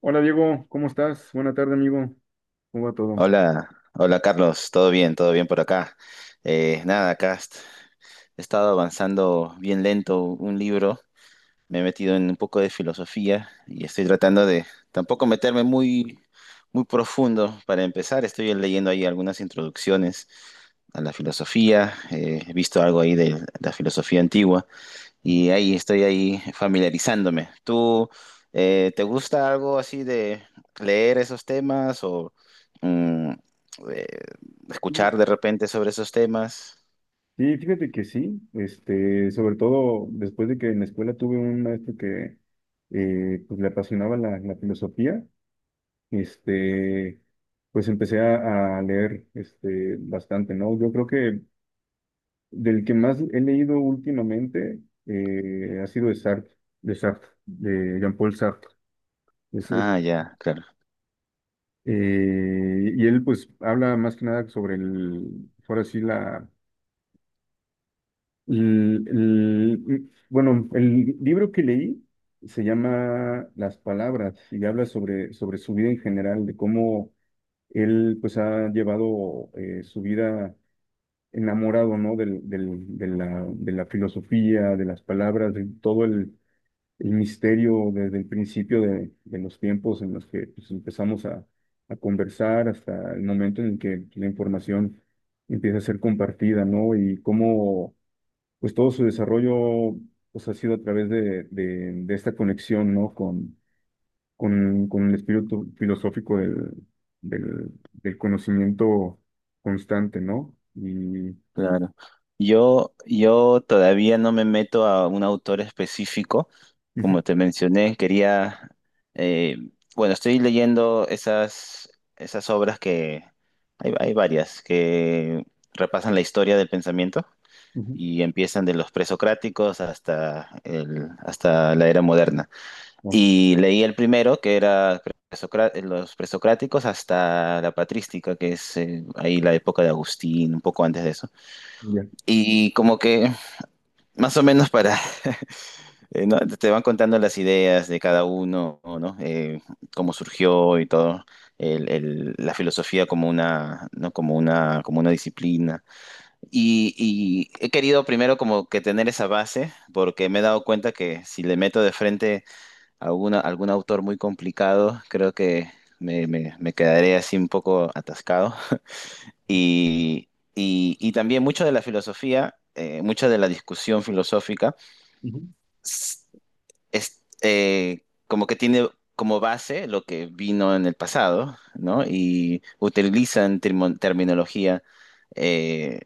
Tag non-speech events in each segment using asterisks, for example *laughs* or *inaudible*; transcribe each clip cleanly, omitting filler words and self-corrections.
Hola Diego, ¿cómo estás? Buena tarde, amigo. ¿Cómo va todo? Hola, hola Carlos, todo bien por acá. Nada, acá he estado avanzando bien lento un libro. Me he metido en un poco de filosofía y estoy tratando de tampoco meterme muy profundo. Para empezar, estoy leyendo ahí algunas introducciones a la filosofía. He visto algo ahí de la filosofía antigua. Ujú. Y ahí estoy ahí familiarizándome. ¿Tú te gusta algo así de leer esos temas o mm, eh, escuchar de repente sobre esos temas? Sí, fíjate que sí, este, sobre todo después de que en la escuela tuve un maestro que pues, le apasionaba la filosofía, este, pues empecé a leer este, bastante, ¿no? Yo creo que del que más he leído últimamente ha sido de Sartre, de Jean-Paul Sartre. Eso es. Ah, ya, claro, Y él pues habla más que nada sobre el, ahora sí, la bueno, el libro que leí se llama Las palabras y habla sobre su vida en general, de cómo él pues ha llevado su vida enamorado, ¿no? De la filosofía, de las palabras, de todo el misterio desde el principio de los tiempos en los que pues, empezamos a conversar hasta el momento en el que la información empieza a ser compartida, ¿no? Y cómo pues todo su desarrollo pues, ha sido a través de esta conexión, ¿no? Con el espíritu filosófico del conocimiento constante, ¿no? Y... claro. Yo todavía no me meto a un autor específico. Ujú. Como te mencioné, eh, bueno, estoy leyendo esas obras que... Hay varias que repasan la historia del pensamiento. Ujú. Y empiezan de los presocráticos hasta la era moderna. Ah, Y leí el primero, que era los presocráticos hasta la patrística, que es ahí la época de Agustín, un poco antes de eso. ya. Y como que más o menos para... *laughs* ¿no? Te van contando las ideas de cada uno, ¿no? Cómo surgió y todo. La filosofía como una, ¿no? Como una disciplina. Y he querido primero como que tener esa base, porque me he dado cuenta que si le meto de frente a algún autor muy complicado, creo que me quedaré así un poco atascado. Y, y también mucho de la filosofía, mucha de la discusión filosófica, Ujú. s- es, como que tiene como base lo que vino en el pasado, ¿no? Y utilizan terminología eh,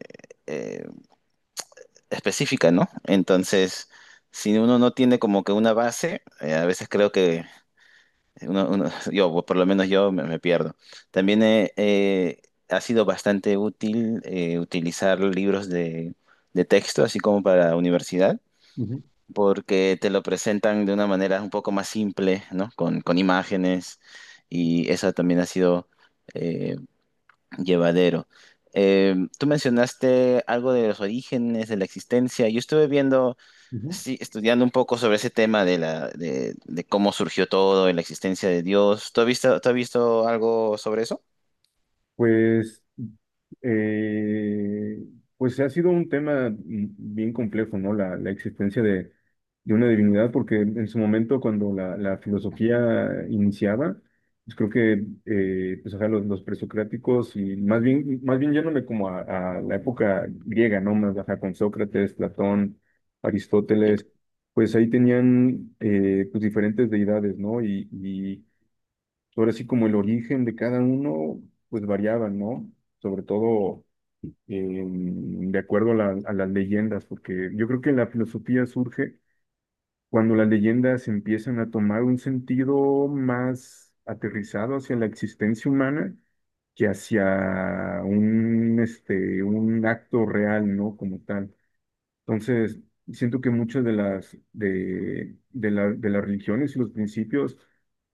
eh, específica, ¿no? Entonces, si uno no tiene como que una base, a veces creo que *laughs* yo, o por lo menos yo, me pierdo. También ha sido bastante útil utilizar libros de texto, así como para la universidad, Ujú. porque te lo presentan de una manera un poco más simple, ¿no? Con imágenes, y eso también ha sido... eh, llevadero. Tú mencionaste algo de los orígenes, de la existencia. Yo estuve viendo, Ujú. sí, estudiando un poco sobre ese tema de de cómo surgió todo, y la existencia de Dios. Tú has visto algo sobre eso? Pues, eh, pues ha sido un tema bien complejo, ¿no? La existencia de una divinidad, porque en su momento cuando la filosofía iniciaba, pues creo que pues, ajá, los presocráticos y más bien yéndome como a la época griega, ¿no? Más ajá, con Sócrates, Platón, Sí, Aristóteles, pues ahí tenían pues diferentes deidades, ¿no? Y ahora sí, como el origen de cada uno, pues variaba, ¿no? Sobre todo de acuerdo a, a las leyendas, porque yo creo que la filosofía surge cuando las leyendas empiezan a tomar un sentido más aterrizado hacia la existencia humana que hacia un acto real, ¿no? Como tal. Entonces, siento que muchas de las, de la- de las religiones y los principios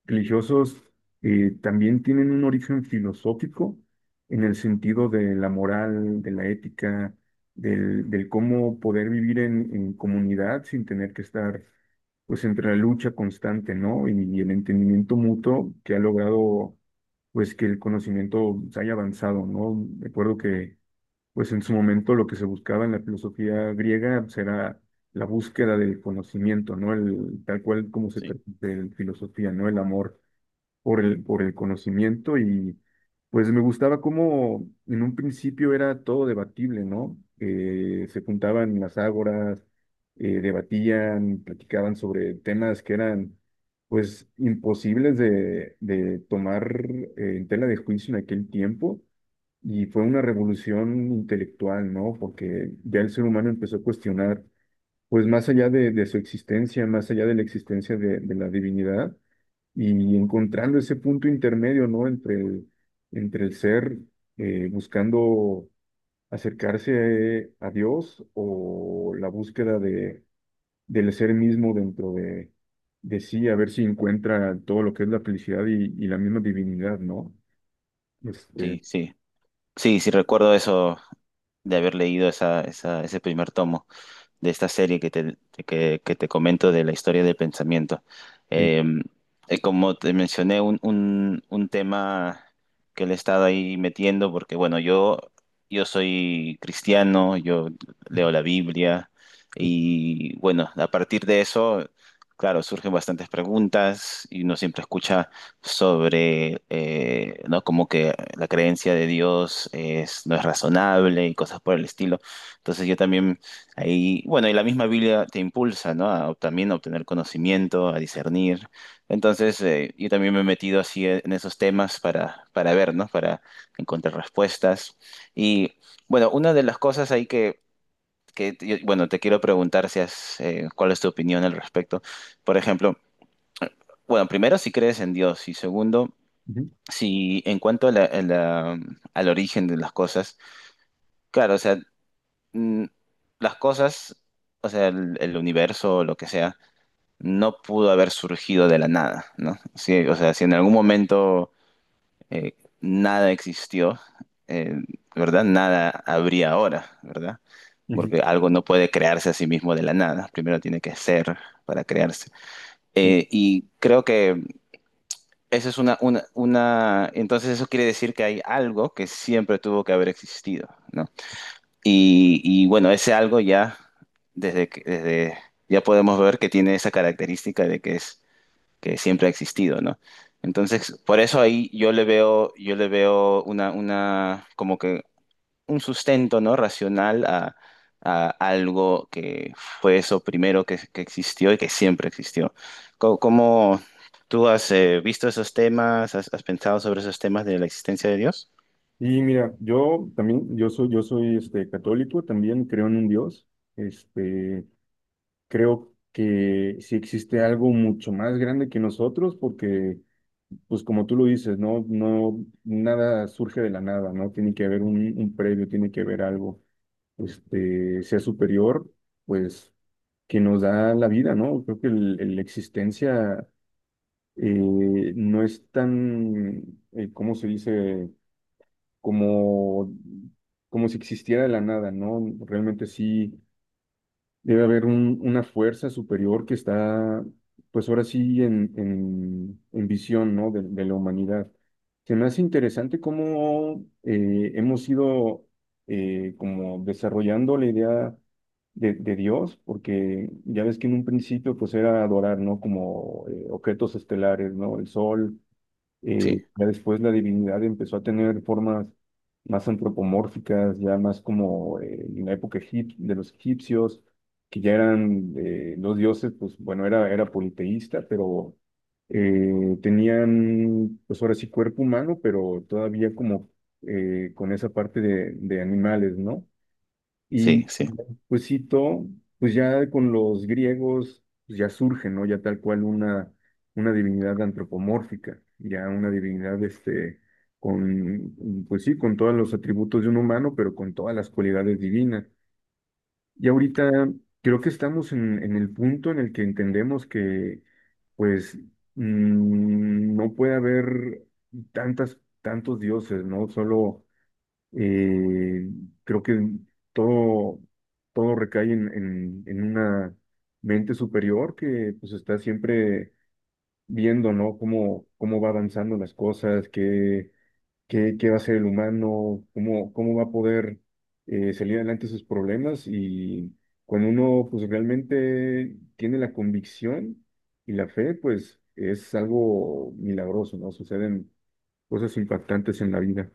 religiosos también tienen un origen filosófico en el sentido de la moral, de la ética, del cómo poder vivir en comunidad sin tener que estar pues entre la lucha constante, ¿no? Y el entendimiento mutuo que ha logrado pues que el conocimiento se haya avanzado, ¿no? Recuerdo que pues en su momento lo que se buscaba en la filosofía griega será la búsqueda del conocimiento, ¿no? El, tal cual como se sí. De filosofía, ¿no? El amor por el conocimiento y pues me gustaba cómo en un principio era todo debatible, ¿no? Se juntaban en las ágoras, debatían, platicaban sobre temas que eran pues imposibles de tomar en tela de juicio en aquel tiempo y fue una revolución intelectual, ¿no? Porque ya el ser humano empezó a cuestionar pues más allá de su existencia, más allá de la existencia de la divinidad, y encontrando ese punto intermedio, ¿no? Entre el ser buscando acercarse a Dios o la búsqueda del ser mismo dentro de sí, a ver si encuentra todo lo que es la felicidad y la misma divinidad, ¿no? Este, Sí, sí. Sí, sí recuerdo eso de haber leído ese primer tomo de esta serie que te comento de la historia del pensamiento. eh, Eh, Como te mencioné, un tema que le he estado ahí metiendo, porque bueno, yo soy cristiano, yo leo la Biblia y bueno, a partir de eso, claro, surgen bastantes preguntas y uno siempre escucha sobre, ¿no? Como que la creencia de Dios es, no es razonable y cosas por el estilo. Entonces yo también ahí, bueno, y la misma Biblia te impulsa, ¿no? A, también a obtener conocimiento, a discernir. Entonces, yo también me he metido así en esos temas para ver, ¿no? Para encontrar respuestas. Y bueno, una de las cosas ahí bueno, te quiero preguntar si has, cuál es tu opinión al respecto. Por ejemplo, bueno, primero, si crees en Dios y segundo, Ujú, si en cuanto a al origen de las cosas, claro, o sea, mm, las cosas, o sea, el universo, lo que sea, no pudo haber surgido de la nada, ¿no? Sí, o sea, si en algún momento nada existió, eh, ¿verdad? Nada habría ahora, ¿verdad? ujú, Porque algo no puede crearse a sí mismo de la nada, primero tiene que ser para crearse. ujú. Y creo que eso es entonces eso quiere decir que hay algo que siempre tuvo que haber existido, ¿no? Y bueno, ese algo ya, desde... ya podemos ver que tiene esa característica de que es, que siempre ha existido, ¿no? Entonces, por eso ahí yo le veo como que un sustento, ¿no? Racional a algo que fue eso primero que existió y que siempre existió. ¿Cómo, tú has visto esos temas? ¿Has, has pensado sobre esos temas de la existencia de Dios? Y mira, yo también, yo soy este, católico, también creo en un Dios. Este, creo que sí existe algo mucho más grande que nosotros, porque, pues como tú lo dices, no, no, nada surge de la nada, ¿no? Tiene que haber un previo, tiene que haber algo. Este, sea superior, pues que nos da la vida, ¿no? Creo que la existencia no es tan, ¿cómo se dice? Como, como si existiera de la nada, ¿no? Realmente sí debe haber una fuerza superior que está, pues ahora sí, en visión, ¿no? De la humanidad. Se me hace interesante cómo hemos ido como desarrollando la idea de Dios, porque ya ves que en un principio pues era adorar, ¿no? Como objetos estelares, ¿no? El sol, Sí, ya después la divinidad empezó a tener formas más antropomórficas, ya más como en la época de los egipcios, que ya eran los dioses, pues bueno, era politeísta, pero tenían, pues ahora sí, cuerpo humano, pero todavía como con esa parte de animales, ¿no? sí, Y sí. pues sí todo pues ya con los griegos pues, ya surge, ¿no? Ya tal cual una divinidad antropomórfica, ya una divinidad este, con, pues sí, con todos los atributos de un humano, pero con todas las cualidades divinas. Y ahorita creo que estamos en el punto en el que entendemos que pues no puede haber tantos dioses, ¿no? Solo eh, creo que todo, todo recae en una mente superior que pues está siempre viendo, ¿no? Cómo va avanzando las cosas, qué va a ser el humano, cómo va a poder salir adelante sus problemas y cuando uno pues realmente tiene la convicción y la fe, pues es algo milagroso, ¿no? Suceden cosas impactantes en la vida.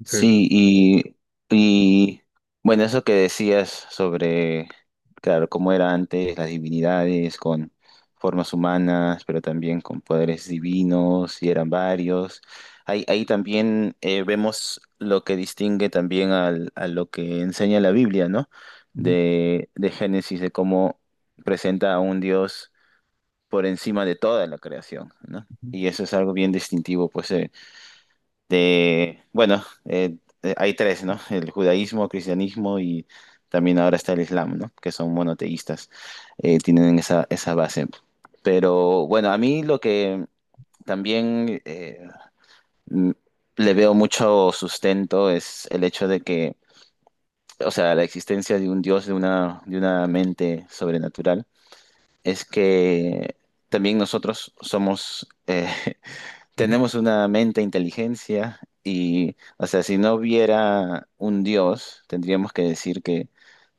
Entonces, Sí, y bueno, eso que decías sobre, claro, cómo era antes las divinidades con formas humanas, pero también con poderes divinos, y eran varios. Ahí, ahí también vemos lo que distingue también a lo que enseña la Biblia, ¿no? ujú, De Génesis, de cómo presenta a un Dios por encima de toda la creación, ¿no? ujú, Y eso es algo bien distintivo, pues, de, bueno, eh, hay tres, ¿no? El judaísmo, cristianismo y también ahora está el islam, ¿no? Que son monoteístas, tienen esa base. Pero bueno, a mí lo que también m- le veo mucho sustento es el hecho de que, o sea, la existencia de un Dios, de de una mente sobrenatural, es que también nosotros somos... *laughs* ujú. tenemos una mente, e inteligencia, y, o sea, si no hubiera un Dios, tendríamos que decir que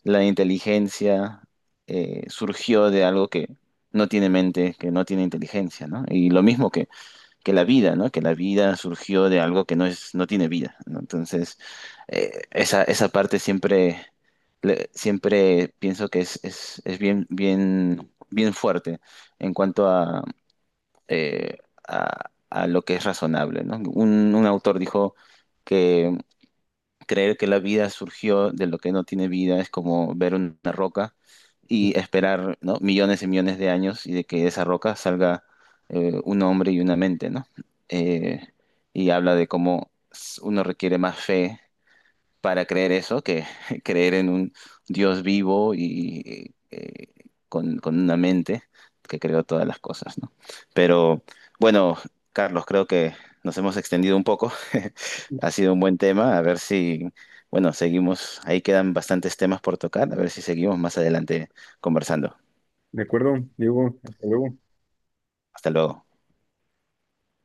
la inteligencia surgió de algo que no tiene mente, que no tiene inteligencia, ¿no? Y lo mismo que la vida, ¿no? Que la vida surgió de algo que no es, no tiene vida, ¿no? Entonces, esa, esa parte siempre, siempre pienso que es bien, bien, bien fuerte en cuanto a eh, a lo que es razonable, ¿no? Un autor dijo que creer que la vida surgió de lo que no tiene vida es como ver una roca y esperar, ¿no? Millones y millones de años y de que de esa roca salga un hombre y una mente, ¿no? Eh, y habla de cómo uno requiere más fe para creer eso, que *laughs* creer en un Dios vivo y con una mente que creó todas las cosas, ¿no? Pero bueno, Carlos, creo que nos hemos extendido un poco. *laughs* Ha sido un buen tema. A ver si, bueno, seguimos. Ahí quedan bastantes temas por tocar. A ver si seguimos más adelante conversando. De acuerdo, Diego, hasta luego. Hasta luego.